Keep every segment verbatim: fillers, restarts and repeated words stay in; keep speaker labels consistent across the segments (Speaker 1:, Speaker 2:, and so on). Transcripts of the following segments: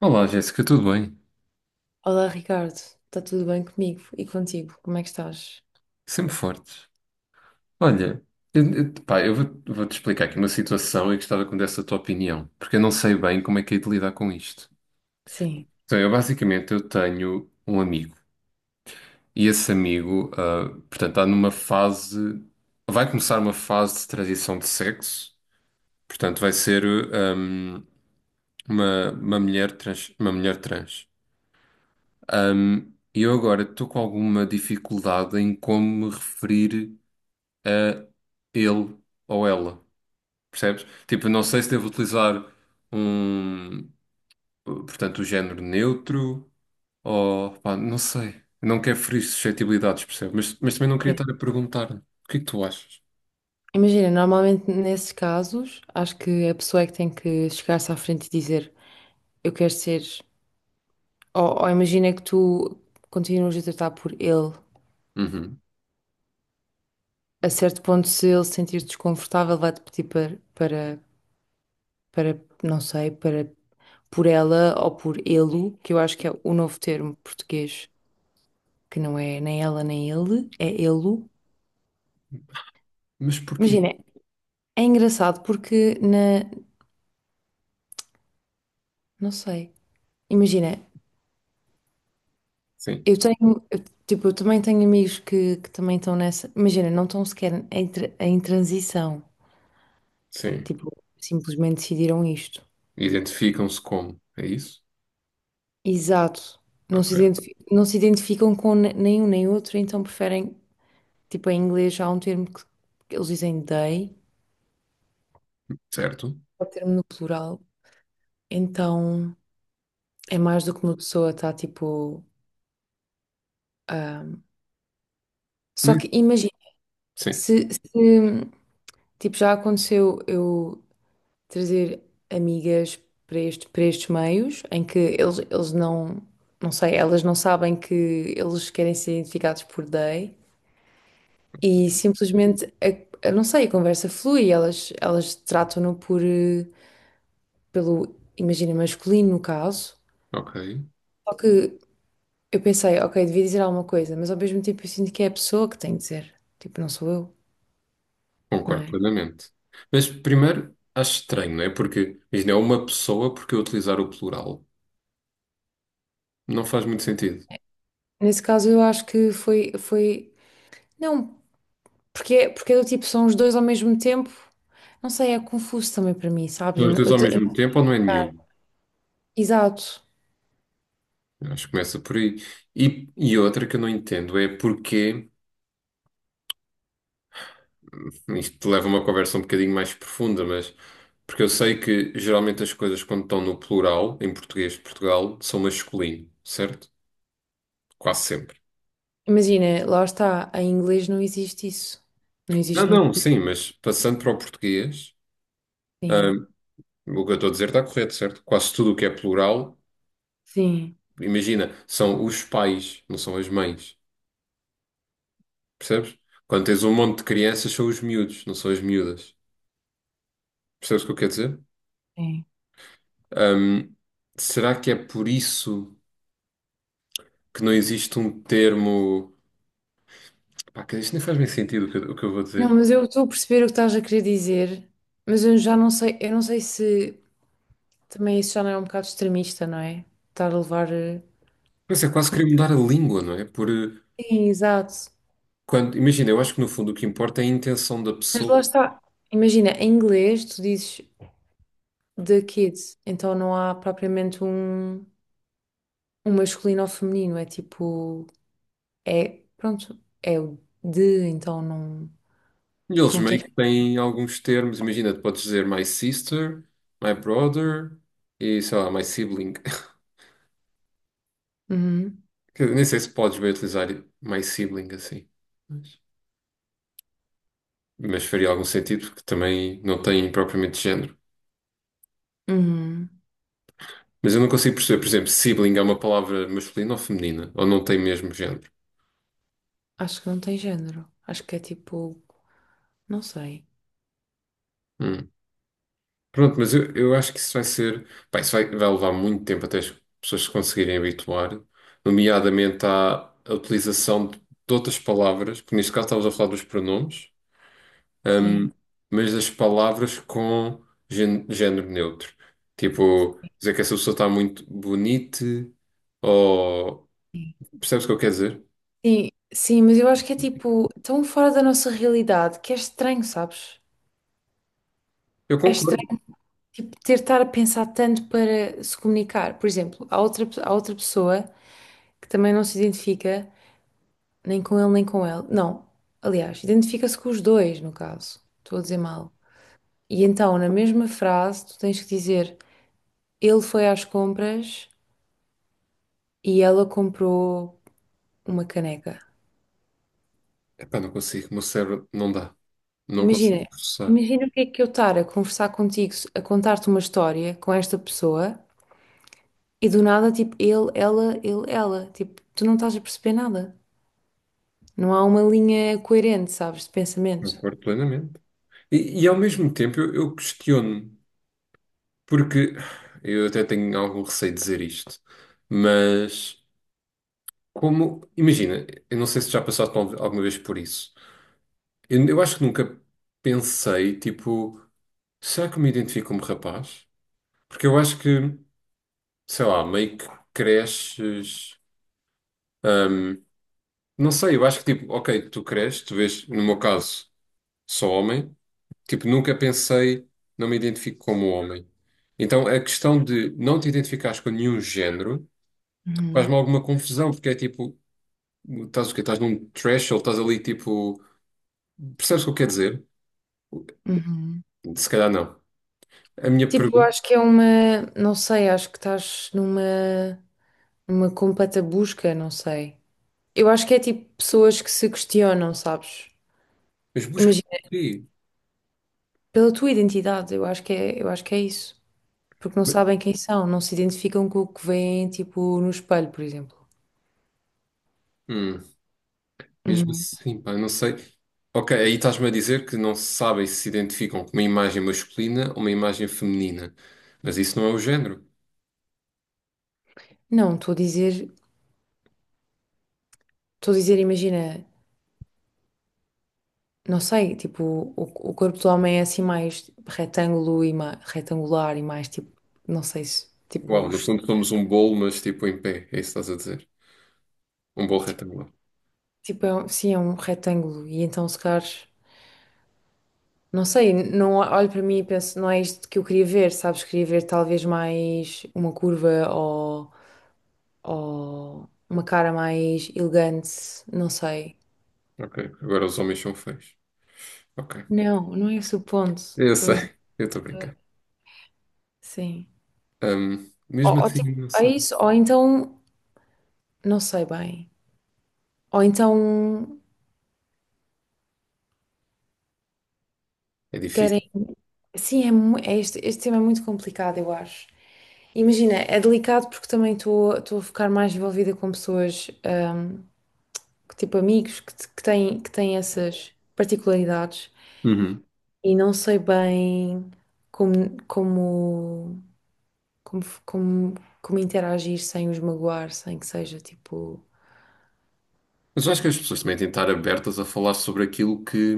Speaker 1: Olá, Jéssica, tudo bem?
Speaker 2: Olá, Ricardo. Está tudo bem comigo e contigo? Como é que estás?
Speaker 1: Sempre fortes. Olha, eu, eu- pá, eu vou, vou-te explicar aqui uma situação e gostava que me desse a tua opinião, porque eu não sei bem como é que hei de lidar com isto.
Speaker 2: Sim,
Speaker 1: Então, eu basicamente eu tenho um amigo e esse amigo, ah, portanto, está numa fase, vai começar uma fase de transição de sexo, portanto, vai ser ahm, uma, uma mulher trans, uma mulher trans. Ahm, E eu agora estou com alguma dificuldade em como me referir ele ou ela, percebes? Tipo, não sei se devo utilizar um, portanto, o género neutro ou, pá, não sei. Não quero ferir suscetibilidades, percebes? Mas, mas também não queria
Speaker 2: sim,
Speaker 1: estar a perguntar, né? O que é que tu achas?
Speaker 2: Imagina, normalmente nesses casos, acho que a pessoa é que tem que chegar-se à frente e dizer eu quero ser. Ou, ou imagina que tu continuas a tratar por ele.
Speaker 1: Uhum.
Speaker 2: A certo ponto, se ele se sentir desconfortável, vai-te pedir para, para, para, não sei, para por ela ou por ele, que eu acho que é o novo termo português, que não é nem ela nem ele, é ele.
Speaker 1: Mas porquê?
Speaker 2: Imagina, é engraçado porque na, não sei. Imagina,
Speaker 1: Sim,
Speaker 2: eu tenho, eu, tipo, eu também tenho amigos que, que também estão nessa. Imagina, não estão sequer em, tra- em transição.
Speaker 1: sim.
Speaker 2: Tipo, simplesmente decidiram isto.
Speaker 1: Identificam-se como, é isso?
Speaker 2: Exato. Não se
Speaker 1: Ok,
Speaker 2: identifi- não se identificam com ne- nenhum nem outro, então preferem, tipo, em inglês há um termo que, que eles dizem they,
Speaker 1: certo.
Speaker 2: é o termo no plural. Então é mais do que uma pessoa está, tipo. ah, Só
Speaker 1: Mas-
Speaker 2: que imagina,
Speaker 1: sim,
Speaker 2: se, se, tipo, já aconteceu eu trazer amigas para este, para estes meios em que eles, eles não, não sei, elas não sabem que eles querem ser identificados por they e simplesmente, a, a- não sei, a conversa flui, elas, elas tratam-no por, eh, pelo, imagina, masculino no caso.
Speaker 1: ok.
Speaker 2: Só que eu pensei, ok, devia dizer alguma coisa, mas ao mesmo tempo eu sinto que é a pessoa que tem de dizer, tipo, não sou eu, não
Speaker 1: Concordo
Speaker 2: é?
Speaker 1: plenamente. Mas primeiro, acho estranho, não é? Porque, imagina, é uma pessoa porque eu utilizar o plural. Não faz muito sentido.
Speaker 2: Nesse caso eu acho que foi, foi, não, porque, é- porque é do tipo, são os dois ao mesmo tempo. Não sei, é confuso também para mim, sabes? Eu,
Speaker 1: Os
Speaker 2: não-
Speaker 1: dois
Speaker 2: eu,
Speaker 1: ao
Speaker 2: te- eu
Speaker 1: mesmo
Speaker 2: não-
Speaker 1: tempo ou não é nenhum?
Speaker 2: Exato.
Speaker 1: Acho que começa por aí. E, e outra que eu não entendo é porque, isto leva a uma conversa um bocadinho mais profunda, mas porque eu sei que geralmente as coisas quando estão no plural, em português de Portugal, são masculino, certo? Quase sempre.
Speaker 2: Imagina, lá está, em inglês não existe isso. Não
Speaker 1: Não,
Speaker 2: existe muito.
Speaker 1: não, sim, mas passando para o português,
Speaker 2: Sim,
Speaker 1: hum, o que eu estou a dizer está correto, certo? Quase tudo o que é plural,
Speaker 2: sim,
Speaker 1: imagina, são os pais, não são as mães, percebes? Quando tens um monte de crianças, são os miúdos, não são as miúdas. Percebes o que eu quero dizer?
Speaker 2: sim.
Speaker 1: Ahm, Será que é por isso que não existe um termo. Pá, que isto nem faz bem sentido o que, eu o que eu vou
Speaker 2: Não,
Speaker 1: dizer.
Speaker 2: mas eu estou a perceber o que estás a querer dizer, mas eu já não sei, eu não sei se também isso já não é um bocado extremista, não é? Estar a levar. eh,
Speaker 1: Mas é quase
Speaker 2: com-
Speaker 1: querer mudar a língua, não é? Por, eh,
Speaker 2: Sim, exato.
Speaker 1: quando... Imagina, eu acho que no fundo o que importa é a intenção da
Speaker 2: Mas
Speaker 1: pessoa.
Speaker 2: lá está. Imagina, em inglês tu dizes the kids, então não há propriamente um, um masculino ou feminino, é tipo. É, pronto, é o de, então não,
Speaker 1: E eles
Speaker 2: não
Speaker 1: meio
Speaker 2: tens.
Speaker 1: que têm alguns termos. Imagina, tu podes dizer my sister, my brother e sei lá, my sibling.
Speaker 2: Uhum,
Speaker 1: Que eu nem sei se podes bem utilizar my sibling assim. Mas, mas faria algum sentido porque também não tem propriamente género.
Speaker 2: uhum.
Speaker 1: Mas eu não consigo perceber, por exemplo, sibling é uma palavra masculina ou feminina, ou não tem mesmo género.
Speaker 2: Acho que não tem género. Acho que é tipo. Não sei.
Speaker 1: Hum. Pronto, mas eu, eu acho que isso vai ser. Pá, isso vai, vai levar muito tempo até as pessoas se conseguirem habituar, nomeadamente à, à utilização de, de outras palavras, porque neste caso estávamos a falar dos pronomes,
Speaker 2: Sim.
Speaker 1: hum, mas das palavras com gén- género neutro. Tipo, dizer que essa pessoa está muito bonita, ou.
Speaker 2: Sim,
Speaker 1: Percebes o que eu quero dizer?
Speaker 2: sim, sim, mas eu acho que é tipo tão fora da nossa realidade que é estranho, sabes?
Speaker 1: Eu
Speaker 2: É
Speaker 1: concordo.
Speaker 2: estranho, tipo, ter de estar a pensar tanto para se comunicar. Por exemplo, há outra, pe- há outra pessoa que também não se identifica nem com ele nem com ela. Não, aliás, identifica-se com os dois, no caso. Estou a dizer mal. E então, na mesma frase, tu tens que dizer: ele foi às compras e ela comprou uma caneca.
Speaker 1: Epá, não consigo, o meu cérebro não dá. Não
Speaker 2: Imagina,
Speaker 1: consigo processar.
Speaker 2: imagina o que é que eu estar a conversar contigo, a contar-te uma história com esta pessoa e do nada, tipo, ele, ela, ele, ela. Tipo, tu não estás a perceber nada. Não há uma linha coerente, sabes, de pensamento.
Speaker 1: Concordo plenamente. E, e ao mesmo tempo eu, eu questiono-me, porque eu até tenho algum receio de dizer isto, mas como, imagina, eu não sei se já passaste al- alguma vez por isso. Eu, eu acho que nunca pensei, tipo, será que eu me identifico como rapaz? Porque eu acho que, sei lá, meio que cresces. hum, não sei, eu acho que tipo, ok, tu cresces, tu vês, no meu caso, sou homem. Tipo, nunca pensei, não me identifico como homem. Então, a questão de não te identificares com nenhum género
Speaker 2: Uhum,
Speaker 1: faz-me alguma confusão, porque é tipo, estás o quê? Estás num threshold, estás ali tipo. Percebes o que eu quero dizer?
Speaker 2: uhum.
Speaker 1: Se calhar não. A minha
Speaker 2: Tipo, eu
Speaker 1: pergunta.
Speaker 2: acho que é uma, não sei, acho que estás numa, numa completa busca, não sei. Eu acho que é tipo pessoas que se questionam, sabes?
Speaker 1: Mas busca por
Speaker 2: Imagina,
Speaker 1: quê?
Speaker 2: pela tua identidade, eu acho que é, eu acho que é isso. Porque não sabem quem são, não se identificam com o que veem, tipo, no espelho, por exemplo.
Speaker 1: Hum, mesmo
Speaker 2: Uhum.
Speaker 1: assim, pá, não sei. Ok, aí estás-me a dizer que não sabem se se identificam com uma imagem masculina ou uma imagem feminina. Mas isso não é o género.
Speaker 2: Não, estou a dizer, estou a dizer, imagina, não sei, tipo, o, o corpo do homem é assim mais retângulo e ma- retangular e mais tipo, não sei se, tipo,
Speaker 1: Uau, no
Speaker 2: os-
Speaker 1: fundo somos um bolo, mas tipo em pé. É isso que estás a dizer? Um bolo retangular.
Speaker 2: tipo, é um- sim, é um retângulo e então se calhar. Não sei, não olho para mim e penso, não é isto que eu queria ver, sabes? Queria ver talvez mais uma curva ou, ou uma cara mais elegante, não sei.
Speaker 1: Ok. Agora os homens são feios. Ok.
Speaker 2: Não, não é esse o ponto.
Speaker 1: Eu
Speaker 2: Estamos...
Speaker 1: sei. Eu estou a brincar.
Speaker 2: Sim.
Speaker 1: Ahm,
Speaker 2: Ou,
Speaker 1: mesmo
Speaker 2: ou
Speaker 1: assim,
Speaker 2: tipo,
Speaker 1: não
Speaker 2: é
Speaker 1: sei.
Speaker 2: isso, ou então, não sei bem. Ou então
Speaker 1: É difícil.
Speaker 2: querem. Sim, é, mu- é este, este tema é muito complicado, eu acho. Imagina, é delicado porque também estou estou a ficar mais envolvida com pessoas. hum, que, tipo amigos que, te- que têm, que têm essas particularidades
Speaker 1: Uhum.
Speaker 2: e não sei bem como, como, como, f- como, como interagir sem os magoar, sem que seja tipo.
Speaker 1: Mas eu acho que as pessoas também têm de estar abertas a falar sobre aquilo que,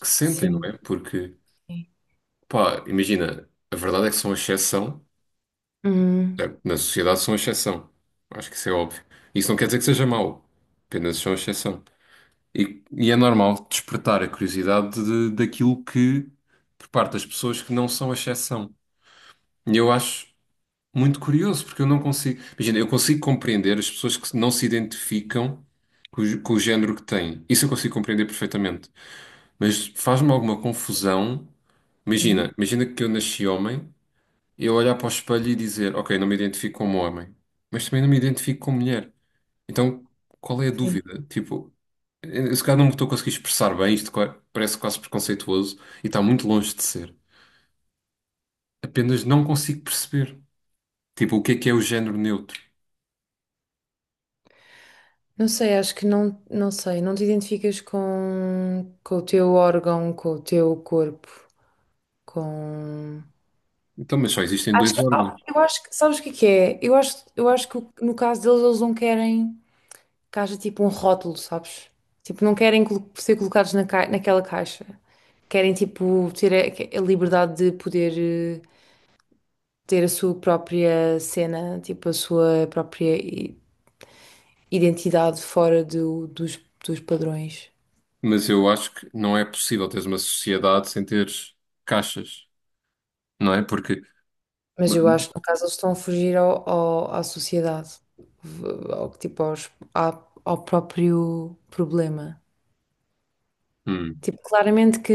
Speaker 1: que sentem, não
Speaker 2: Sim.
Speaker 1: é? Porque,
Speaker 2: Sim.
Speaker 1: pá, imagina, a verdade é que são exceção.
Speaker 2: Uhum,
Speaker 1: É, na sociedade são exceção. Acho que isso é óbvio. Isso não quer dizer que seja mau. Apenas são exceção. E, e é normal despertar a curiosidade de- daquilo que, por parte das pessoas que não são exceção. E eu acho. Muito curioso, porque eu não consigo. Imagina, eu consigo compreender as pessoas que não se identificam com o, gé- com o género que têm. Isso eu consigo compreender perfeitamente. Mas faz-me alguma confusão.
Speaker 2: Sim.
Speaker 1: Imagina, imagina que eu nasci homem, eu olhar para o espelho e dizer, ok, não me identifico como homem, mas também não me identifico como mulher. Então, qual é a
Speaker 2: Sim.
Speaker 1: dúvida? Tipo, eu, se calhar não me estou a conseguir expressar bem, isto qua- parece quase preconceituoso e está muito longe de ser. Apenas não consigo perceber. Tipo, o que é que é o género neutro?
Speaker 2: Não sei, acho que não, não sei, não te identificas com, com o teu órgão, com o teu corpo, com.
Speaker 1: Então, mas só existem
Speaker 2: Acho
Speaker 1: dois
Speaker 2: que, oh,
Speaker 1: órgãos.
Speaker 2: eu acho que, sabes o que é que é? Eu acho, eu acho que no caso deles, eles não querem que haja tipo um rótulo, sabes? Tipo, não querem colo- ser colocados na ca- naquela caixa. Querem tipo ter a, a liberdade de poder eh, ter a sua própria cena, tipo a sua própria i- identidade fora do- dos, dos padrões.
Speaker 1: Mas eu acho que não é possível teres uma sociedade sem teres caixas, não é? Porque,
Speaker 2: Mas eu acho que no caso eles estão a fugir ao, ao- à sociedade, v- ao, tipo aos- à- ao próprio problema.
Speaker 1: hum,
Speaker 2: Tipo, claramente que,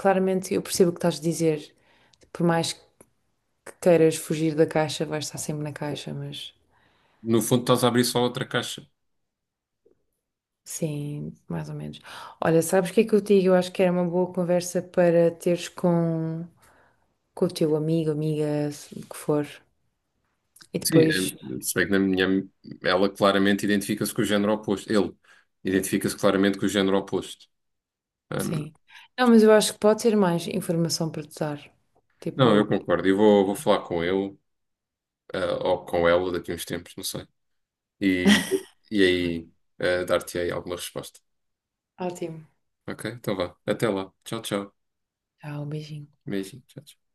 Speaker 2: claramente eu percebo o que estás a dizer, por mais que queiras fugir da caixa, vais estar sempre na caixa, mas
Speaker 1: no fundo, estás a abrir só outra caixa.
Speaker 2: sim, mais ou menos. Olha, sabes o que é que eu te digo? Eu acho que era uma boa conversa para teres com, com o teu amigo, amiga, se- o que for. E
Speaker 1: Sim,
Speaker 2: depois,
Speaker 1: é, se bem que na minha, ela claramente identifica-se com o género oposto. Ele identifica-se claramente com o género oposto. Hum,
Speaker 2: sim. Não, mas eu acho que pode ser mais informação para te dar.
Speaker 1: não, eu
Speaker 2: Tipo,
Speaker 1: concordo. Eu vou, vou falar com ele, ah, ou com ela daqui a uns tempos, não sei. E, e
Speaker 2: tá bem.
Speaker 1: aí, ah, dar-te aí alguma resposta.
Speaker 2: Ótimo.
Speaker 1: Ok? Então vá. Até lá. Tchau, tchau.
Speaker 2: Tchau, beijinho.
Speaker 1: Beijinho. Tchau, tchau.